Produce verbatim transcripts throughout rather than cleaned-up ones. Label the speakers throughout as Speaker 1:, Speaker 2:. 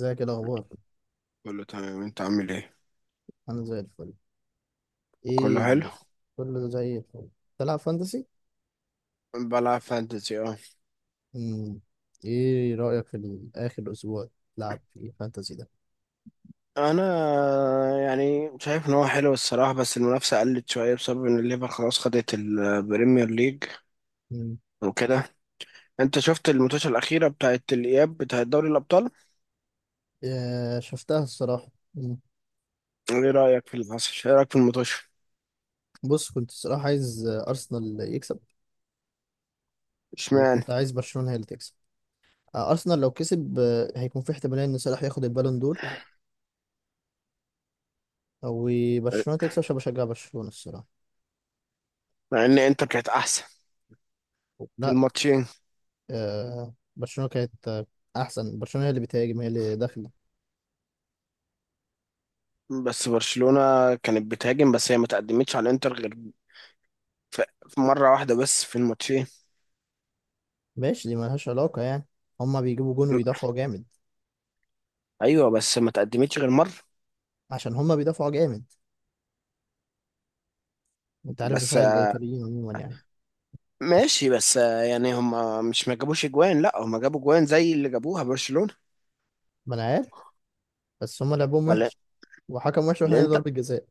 Speaker 1: ازيك، ايه الاخبار؟
Speaker 2: كله تمام، انت عامل ايه؟
Speaker 1: انا زي الفل.
Speaker 2: كله
Speaker 1: ايه
Speaker 2: حلو.
Speaker 1: الد- كله زي الفل. تلعب فانتسي؟
Speaker 2: بلعب فانتزي، اه.
Speaker 1: مم. ايه رايك في ال- اخر اسبوع تلعب في الفانتسي ده؟
Speaker 2: انا يعني شايف ان هو حلو الصراحه، بس المنافسه قلت شويه بسبب ان الليفر خلاص خدت البريمير ليج
Speaker 1: مم.
Speaker 2: وكده. انت شفت الماتش الاخيره بتاعت الاياب بتاعت دوري الابطال؟
Speaker 1: آه، شفتها الصراحه. مم.
Speaker 2: ايه رايك في اللي حصل، ايه رايك في الماتش؟
Speaker 1: بص، كنت الصراحه عايز آه، ارسنال يكسب.
Speaker 2: اشمعنى؟
Speaker 1: وكنت عايز برشلونه هي اللي تكسب. آه، ارسنال لو كسب آه، هيكون في احتماليه ان صلاح ياخد البالون دور. او برشلونه تكسب عشان بشجع برشلونه الصراحه.
Speaker 2: مع ان انتر كانت احسن في
Speaker 1: لا،
Speaker 2: الماتشين.
Speaker 1: آه، برشلونه كانت آه، احسن. برشلونه هي اللي بتهاجم، هي اللي داخله.
Speaker 2: بس برشلونه كانت بتهاجم، بس هي ما تقدمتش على انتر غير في في مره واحده بس في الماتشين.
Speaker 1: ماشي، دي ملهاش علاقة يعني. هما بيجيبوا جون ويدافعوا جامد.
Speaker 2: ايوه بس ما تقدمتش غير مره.
Speaker 1: عشان هما بيدافعوا جامد. انت عارف
Speaker 2: بس
Speaker 1: دفاع الإيطاليين عموما يعني.
Speaker 2: ماشي، بس آه، يعني هم مش ما جابوش اجوان، لا هم جابوا اجوان زي اللي جابوها برشلونة.
Speaker 1: ما انا عارف. بس هما لعبهم
Speaker 2: ولا
Speaker 1: وحش. وحكم وحش واحنا
Speaker 2: الانتر،
Speaker 1: ضربة جزاء.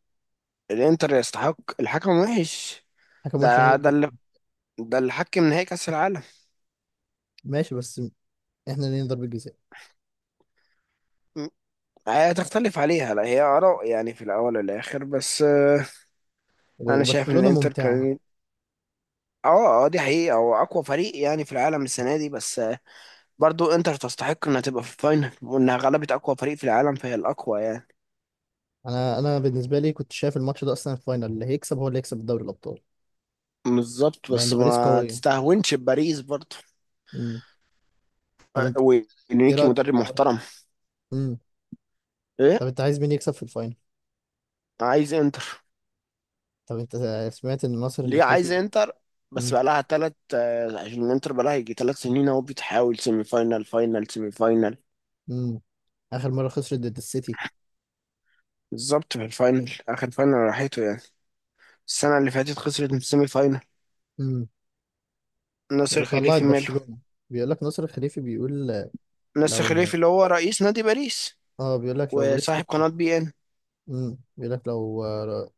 Speaker 2: الانتر يستحق، الحكم وحش.
Speaker 1: حكم وحش واحنا
Speaker 2: ده ده
Speaker 1: ضربة.
Speaker 2: اللي، ده اللي حكم نهائي كأس العالم.
Speaker 1: ماشي بس، احنا ليه ضربة جزاء؟
Speaker 2: م. هتختلف عليها، لا هي آراء يعني في الأول والآخر، بس آه، أنا شايف إن
Speaker 1: وبرشلونة
Speaker 2: الإنتر
Speaker 1: ممتعة.
Speaker 2: كان، اه اه دي حقيقة، هو أقوى فريق يعني في العالم السنة دي، بس آه، برضو إنتر تستحق إنها تبقى في الفاينل، وإنها غلبت أقوى فريق في العالم فهي الأقوى يعني.
Speaker 1: انا انا بالنسبة لي كنت شايف الماتش ده اصلا الفاينل. اللي هيكسب هو اللي هيكسب الدوري الأبطال.
Speaker 2: بالظبط،
Speaker 1: مع
Speaker 2: بس
Speaker 1: ان باريس
Speaker 2: ما
Speaker 1: قوية.
Speaker 2: تستهونش بباريس برضو.
Speaker 1: مم. طب انت، ايه
Speaker 2: وانريكي
Speaker 1: رأيك في
Speaker 2: مدرب
Speaker 1: الخبر؟
Speaker 2: محترم.
Speaker 1: مم.
Speaker 2: ايه؟
Speaker 1: طب انت عايز مين يكسب في الفاينل؟
Speaker 2: عايز انتر.
Speaker 1: طب انت سمعت ان النصر اللي
Speaker 2: ليه عايز
Speaker 1: خليفي.
Speaker 2: انتر؟ بس
Speaker 1: مم.
Speaker 2: بقى لها ثلاث. عشان الانتر بقى لها يجي ثلاث سنين اهو، بتحاول سيمي فاينال، فاينال، سيمي فاينال.
Speaker 1: مم. اخر مرة خسرت ضد السيتي.
Speaker 2: بالظبط في الفاينل، اخر فاينل راحته يعني. السنه اللي فاتت خسرت من السيمي فاينال.
Speaker 1: امم
Speaker 2: ناصر
Speaker 1: وطلعت
Speaker 2: خليفي ماله؟
Speaker 1: برشلونة. بيقول لك نصر الخليفي بيقول،
Speaker 2: ناصر
Speaker 1: لو،
Speaker 2: خليفي اللي هو رئيس نادي باريس
Speaker 1: اه بيقول لك لو باريس
Speaker 2: وصاحب
Speaker 1: كسب،
Speaker 2: قناه بي ان.
Speaker 1: امم بيقول لك لو آه،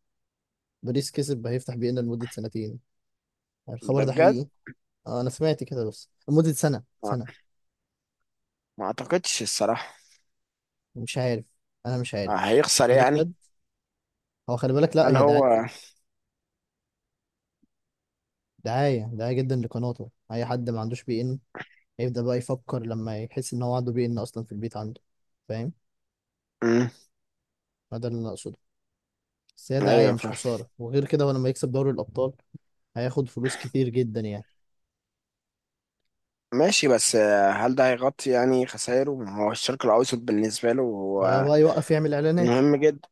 Speaker 1: باريس كسب هيفتح بينا لمدة سنتين. الخبر
Speaker 2: ده
Speaker 1: ده
Speaker 2: بجد؟
Speaker 1: حقيقي؟ آه، انا سمعت كده بس لمدة سنة
Speaker 2: ما
Speaker 1: سنة.
Speaker 2: ما اعتقدش الصراحه.
Speaker 1: مش عارف، انا مش عارف.
Speaker 2: هيخسر
Speaker 1: هو ده
Speaker 2: يعني.
Speaker 1: بجد؟ هو خلي بالك، لا،
Speaker 2: هل
Speaker 1: هي دعاية.
Speaker 2: هو؟
Speaker 1: دعاية دعاية جدا لقناته. اي حد ما عندوش بي ان هيبدأ بقى يفكر لما يحس ان هو عنده بي ان اصلا في البيت عنده. فاهم؟
Speaker 2: مم.
Speaker 1: هذا اللي انا اقصده. بس هي دعاية،
Speaker 2: ايوه
Speaker 1: مش
Speaker 2: فاهم.
Speaker 1: خسارة، وغير كده هو لما يكسب دوري الابطال هياخد فلوس كتير جدا يعني.
Speaker 2: ماشي، بس آه، هل ده هيغطي يعني خسائره؟ ما هو الشرق الأوسط بالنسبة له
Speaker 1: هو يا
Speaker 2: هو
Speaker 1: بقى يوقف يعمل اعلانات.
Speaker 2: مهم جدا.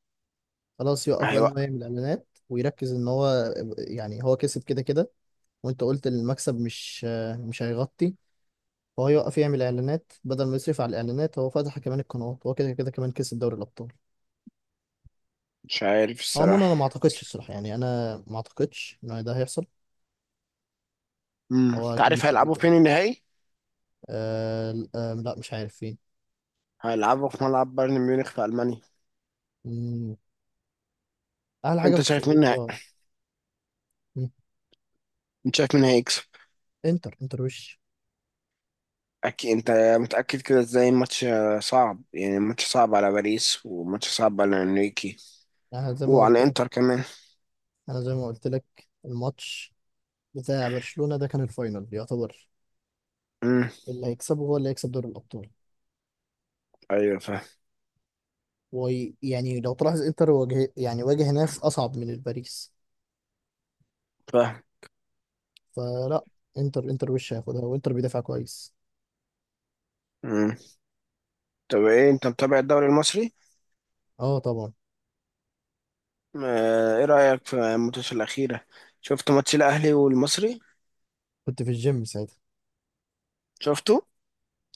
Speaker 1: خلاص، يوقف بقى ان هو
Speaker 2: هيوقع.
Speaker 1: يعمل اعلانات، ويركز ان هو، يعني هو كسب كده كده. وانت قلت المكسب مش مش هيغطي. فهو يوقف يعمل اعلانات بدل ما يصرف على الاعلانات. هو فتح كمان القنوات. هو كده كده كمان كسب دوري الابطال.
Speaker 2: مش عارف
Speaker 1: عموما انا ما
Speaker 2: الصراحة.
Speaker 1: اعتقدش الصراحه، يعني انا ما اعتقدش ان ده هيحصل.
Speaker 2: امم،
Speaker 1: هو
Speaker 2: انت
Speaker 1: اكيد
Speaker 2: عارف
Speaker 1: مش
Speaker 2: هيلعبوا
Speaker 1: عبيط يعني.
Speaker 2: فين النهائي؟
Speaker 1: أه، آه، لا مش عارف فين.
Speaker 2: هيلعبوا في ملعب بايرن ميونخ في ألمانيا.
Speaker 1: مم، اعلى حاجه
Speaker 2: انت
Speaker 1: في
Speaker 2: شايف مين هي-
Speaker 1: اوروبا. مم،
Speaker 2: انت شايف مين هيكسب؟
Speaker 1: انتر انتر وش.
Speaker 2: أكيد انت متأكد كده ازاي؟ الماتش آه، صعب يعني، الماتش صعب على باريس، وماتش صعب على انريكي
Speaker 1: انا زي ما قلت
Speaker 2: وعلى
Speaker 1: لك.
Speaker 2: انتر كمان.
Speaker 1: انا زي ما قلت لك، الماتش بتاع برشلونة ده كان الفاينل يعتبر.
Speaker 2: امم
Speaker 1: اللي هيكسبه هو اللي هيكسب دوري الأبطال.
Speaker 2: ايوه فاهم.
Speaker 1: ويعني لو تلاحظ انتر واجه، يعني واجه ناس أصعب من الباريس.
Speaker 2: فاهم.
Speaker 1: فلا، انتر انتر وش هياخدها، وانتر بيدافع كويس.
Speaker 2: امم، طب ايه، انت متابع الدوري المصري؟
Speaker 1: اه، طبعا.
Speaker 2: آه، ايه رأيك في الماتش الأخيرة؟ شفت ماتش الأهلي والمصري؟
Speaker 1: كنت في الجيم ساعتها.
Speaker 2: شفته.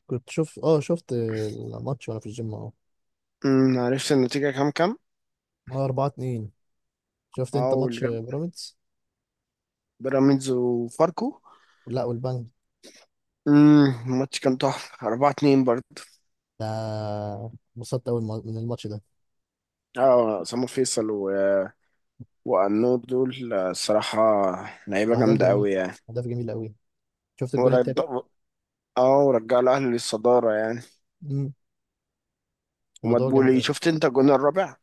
Speaker 1: كنت شوف اه شفت الماتش وانا في الجيم اه
Speaker 2: امم، عرفت النتيجة كام كام؟
Speaker 1: اه، اربعة اتنين. شفت انت
Speaker 2: او اللي
Speaker 1: ماتش
Speaker 2: جاب
Speaker 1: بيراميدز؟
Speaker 2: بيراميدز وفاركو.
Speaker 1: لا، والبنك.
Speaker 2: امم، الماتش كان تحفة، اربعه اتنين برضه.
Speaker 1: ده، انبسطت قوي من الماتش ده.
Speaker 2: اه سامو فيصل و... وأنور دول آه، الصراحة لعيبة
Speaker 1: واهداف
Speaker 2: جامدة
Speaker 1: جميل.
Speaker 2: قوي يعني.
Speaker 1: اهداف جميل قوي. شفت الجون
Speaker 2: ورد،
Speaker 1: التالت؟
Speaker 2: اه ورجع الأهلي للصدارة يعني.
Speaker 1: امم. موضوع جامد
Speaker 2: ومدبولي،
Speaker 1: قوي.
Speaker 2: شفت انت الجون الرابع؟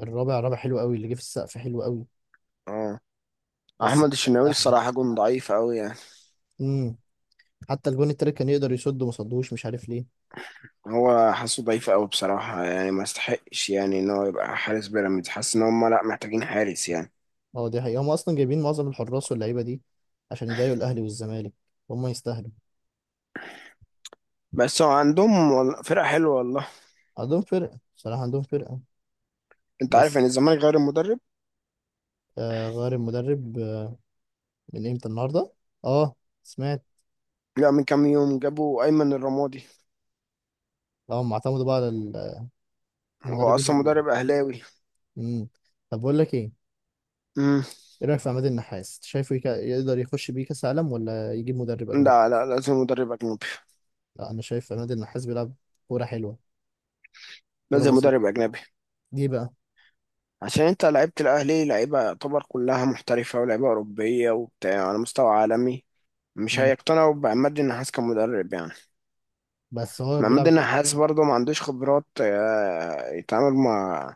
Speaker 1: الرابع رابع حلو قوي، اللي جه في السقف حلو قوي.
Speaker 2: اه.
Speaker 1: بس
Speaker 2: أحمد
Speaker 1: التالت
Speaker 2: الشناوي
Speaker 1: احلى.
Speaker 2: الصراحة جون ضعيف قوي يعني.
Speaker 1: امم. حتى الجون التالت كان يقدر يصد وما صدوش، مش عارف ليه.
Speaker 2: هو حاسه ضعيف قوي بصراحة يعني، ما استحقش يعني ان هو يبقى حارس بيراميدز، حاسس ان هم لا محتاجين حارس يعني.
Speaker 1: اه، دي حقيقة. هم اصلا جايبين معظم الحراس واللعيبة دي عشان يضايقوا الاهلي والزمالك. هم يستاهلوا.
Speaker 2: بس هو عندهم وال- فرقة حلوة والله.
Speaker 1: عندهم فرقة صراحة، عندهم فرقة.
Speaker 2: انت عارف
Speaker 1: بس
Speaker 2: يعني الزمالك غير المدرب.
Speaker 1: آه، غير المدرب آه من امتى؟ النهاردة. اه، سمعت.
Speaker 2: لا، من كام يوم جابوا ايمن الرمادي.
Speaker 1: اه، هم اعتمدوا بقى على ال-
Speaker 2: هو
Speaker 1: المدربين
Speaker 2: اصلا
Speaker 1: ال...
Speaker 2: مدرب اهلاوي.
Speaker 1: امم. طب بقول لك ايه،
Speaker 2: امم.
Speaker 1: ايه رأيك في عماد النحاس؟ شايفه يك... يقدر يخش بيه كاس عالم ولا يجيب مدرب اجنبي؟
Speaker 2: لا لا، لازم مدرب اجنبي.
Speaker 1: لا، انا شايف عماد النحاس بيلعب كورة حلوة، كورة
Speaker 2: لازم مدرب
Speaker 1: بسيطة.
Speaker 2: اجنبي.
Speaker 1: ليه بقى؟
Speaker 2: عشان انت، لعيبة الاهلي، لعيبة يعتبر كلها محترفة ولعيبة اوروبية وبتاع على مستوى عالمي، مش
Speaker 1: مم.
Speaker 2: هيقتنعوا بعماد النحاس كمدرب يعني.
Speaker 1: بس هو
Speaker 2: محمد
Speaker 1: بيلعب حلو.
Speaker 2: النحاس برضه ما عندوش خبرات آه، يتعامل مع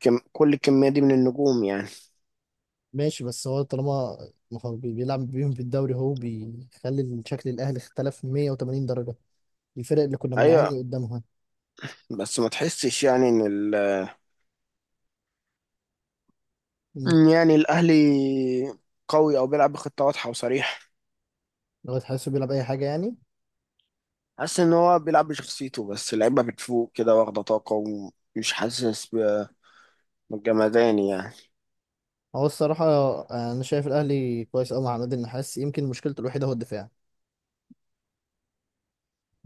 Speaker 2: كم، كل الكمية دي من النجوم يعني.
Speaker 1: ماشي بس هو طالما، ما هو بي- بيلعب بيهم في الدوري، هو بيخلي شكل الاهلي اختلف مية وتمانين درجه. الفرق اللي كنا
Speaker 2: أيوة،
Speaker 1: بنعاني قدامها.
Speaker 2: بس ما تحسش يعني إن ال...
Speaker 1: مم.
Speaker 2: إن يعني الأهلي قوي أو بيلعب بخطة واضحة وصريحة.
Speaker 1: لو تحسه بيلعب اي حاجه يعني.
Speaker 2: حاسس إن هو بيلعب بشخصيته، بس اللعيبة بتفوق كده واخدة طاقة، ومش حاسس ب- بالجمدان يعني.
Speaker 1: هو الصراحه آه، انا شايف الاهلي كويس قوي مع عماد النحاس. يمكن مشكلته الوحيده هو الدفاع.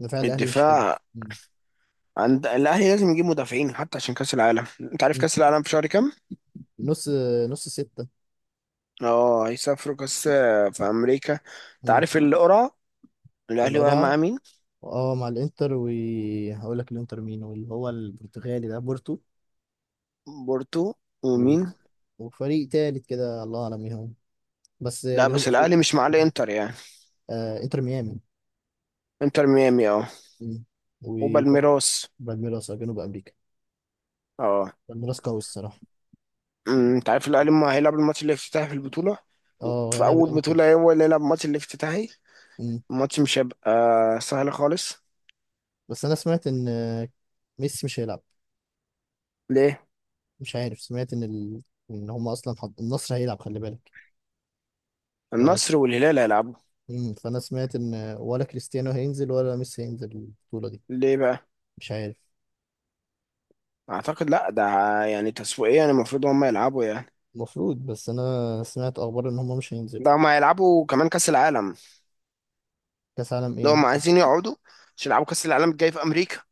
Speaker 1: دفاع الاهلي مش حلو.
Speaker 2: الدفاع
Speaker 1: مم.
Speaker 2: عند الأهلي لازم يجيب مدافعين حتى عشان كأس العالم. أنت عارف
Speaker 1: مم.
Speaker 2: كأس العالم في شهر كام؟
Speaker 1: نص نص سته.
Speaker 2: أه هيسافروا كأس، في أمريكا. أنت
Speaker 1: مم.
Speaker 2: عارف القرعة، الأهلي واقع مع
Speaker 1: القرعه،
Speaker 2: مين؟
Speaker 1: اه، مع الانتر. وهقول لك الانتر مين، واللي هو البرتغالي ده بورتو.
Speaker 2: بورتو،
Speaker 1: و-
Speaker 2: ومين؟
Speaker 1: وفريق تالت كده، الله اعلم مين هو، بس
Speaker 2: لا،
Speaker 1: جنوب
Speaker 2: بس الاهلي
Speaker 1: افريقيا.
Speaker 2: مش مع الانتر يعني.
Speaker 1: آه، انتر ميامي.
Speaker 2: انتر ميامي، اه.
Speaker 1: مم. وفريق
Speaker 2: وبالميراس.
Speaker 1: بالميراس. آه، جنوب امريكا.
Speaker 2: اه.
Speaker 1: بالميراس قوي الصراحه.
Speaker 2: أمم، انت عارف الاهلي ما هيلعب الماتش الافتتاحي في البطوله؟
Speaker 1: اه،
Speaker 2: في
Speaker 1: هيلعب
Speaker 2: اول
Speaker 1: الانتر.
Speaker 2: بطوله هو اللي يلعب الماتش الافتتاحي.
Speaker 1: مم.
Speaker 2: الماتش مش هيبقى سهل خالص.
Speaker 1: بس انا سمعت ان آه، ميسي مش هيلعب.
Speaker 2: ليه؟
Speaker 1: مش عارف، سمعت ان ال... ان هم اصلا حض... النصر هيلعب، خلي بالك. بس
Speaker 2: النصر والهلال هيلعبوا.
Speaker 1: مم. فانا سمعت ان آه، ولا كريستيانو هينزل ولا ميسي هينزل البطوله دي.
Speaker 2: ليه بقى؟
Speaker 1: مش عارف.
Speaker 2: اعتقد لا، ده يعني تسويقيا المفروض هم يلعبوا يعني.
Speaker 1: المفروض، بس انا سمعت اخبار ان هم مش هينزلوا.
Speaker 2: ده هم هيلعبوا كمان كاس العالم،
Speaker 1: كاس عالم
Speaker 2: لو
Speaker 1: ايه؟
Speaker 2: هم عايزين يقعدوا عشان يلعبوا كاس العالم الجاي في امريكا.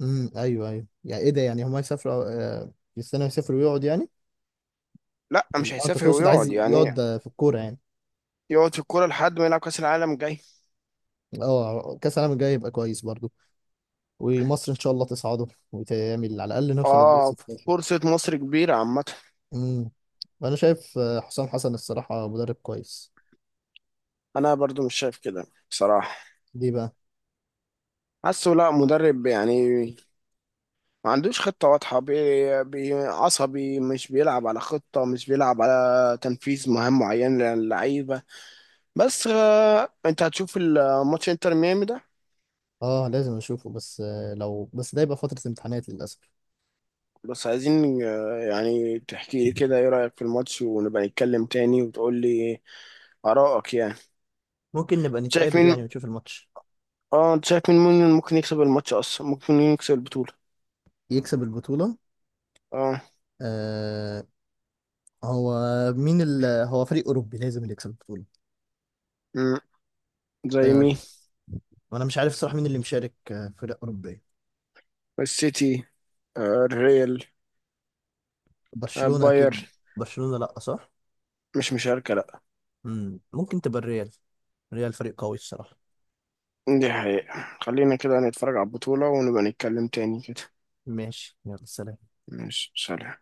Speaker 1: امم ايوه، ايوه، يعني ايه ده؟ يعني هم هيسافروا آه، كريستيانو هيسافر ويقعد يعني.
Speaker 2: لا مش
Speaker 1: اه، انت
Speaker 2: هيسافر
Speaker 1: تقصد
Speaker 2: ويقعد
Speaker 1: عايز
Speaker 2: يعني،
Speaker 1: يقعد في الكوره يعني.
Speaker 2: يقعد في الكوره لحد ما يلعب كاس العالم الجاي.
Speaker 1: اه، كاس العالم الجاي يبقى كويس برضو. ومصر ان شاء الله تصعده وتعمل على الاقل نوصل للدور
Speaker 2: اه.
Speaker 1: ستاشر.
Speaker 2: فرصة مصر كبيرة عامة.
Speaker 1: امم، انا شايف آه، حسام حسن الصراحه مدرب كويس.
Speaker 2: انا برضو مش شايف كده بصراحة.
Speaker 1: ليه بقى؟
Speaker 2: حاسه لا مدرب يعني، ما عندوش خطة واضحة، بي بي عصبي، مش بيلعب على خطة، مش بيلعب على تنفيذ مهام معين للعيبة. بس آه، انت هتشوف الماتش انتر ميامي ده؟
Speaker 1: اه، لازم اشوفه، بس آه، لو بس ده يبقى فتره امتحانات للاسف.
Speaker 2: بس عايزين آه، يعني تحكي لي كده ايه رأيك في الماتش، ونبقى نتكلم تاني وتقول لي آرائك يعني.
Speaker 1: ممكن نبقى
Speaker 2: شايف
Speaker 1: نتقابل يعني
Speaker 2: مين؟
Speaker 1: ونشوف الماتش.
Speaker 2: اه انت شايف مين، مين ممكن يكسب الماتش، اصلا ممكن يكسب البطولة؟
Speaker 1: يكسب البطوله.
Speaker 2: اه.
Speaker 1: آه. هو مين ال... هو فريق اوروبي لازم اللي يكسب البطوله.
Speaker 2: مم. زي مين؟
Speaker 1: آه، وانا مش عارف صراحه مين اللي مشارك. آه، فرق اوروبيه.
Speaker 2: السيتي، آه، الريال، آه،
Speaker 1: برشلونه اكيد.
Speaker 2: باير.
Speaker 1: برشلونه لا صح.
Speaker 2: مش مشاركة لأ.
Speaker 1: مم. ممكن تبقى الريال. الريال فريق قوي الصراحة.
Speaker 2: دي حقيقة، خلينا كده نتفرج على البطولة ونبقى نتكلم تاني كده.
Speaker 1: ماشي، يلا سلام.
Speaker 2: ماشي سلام.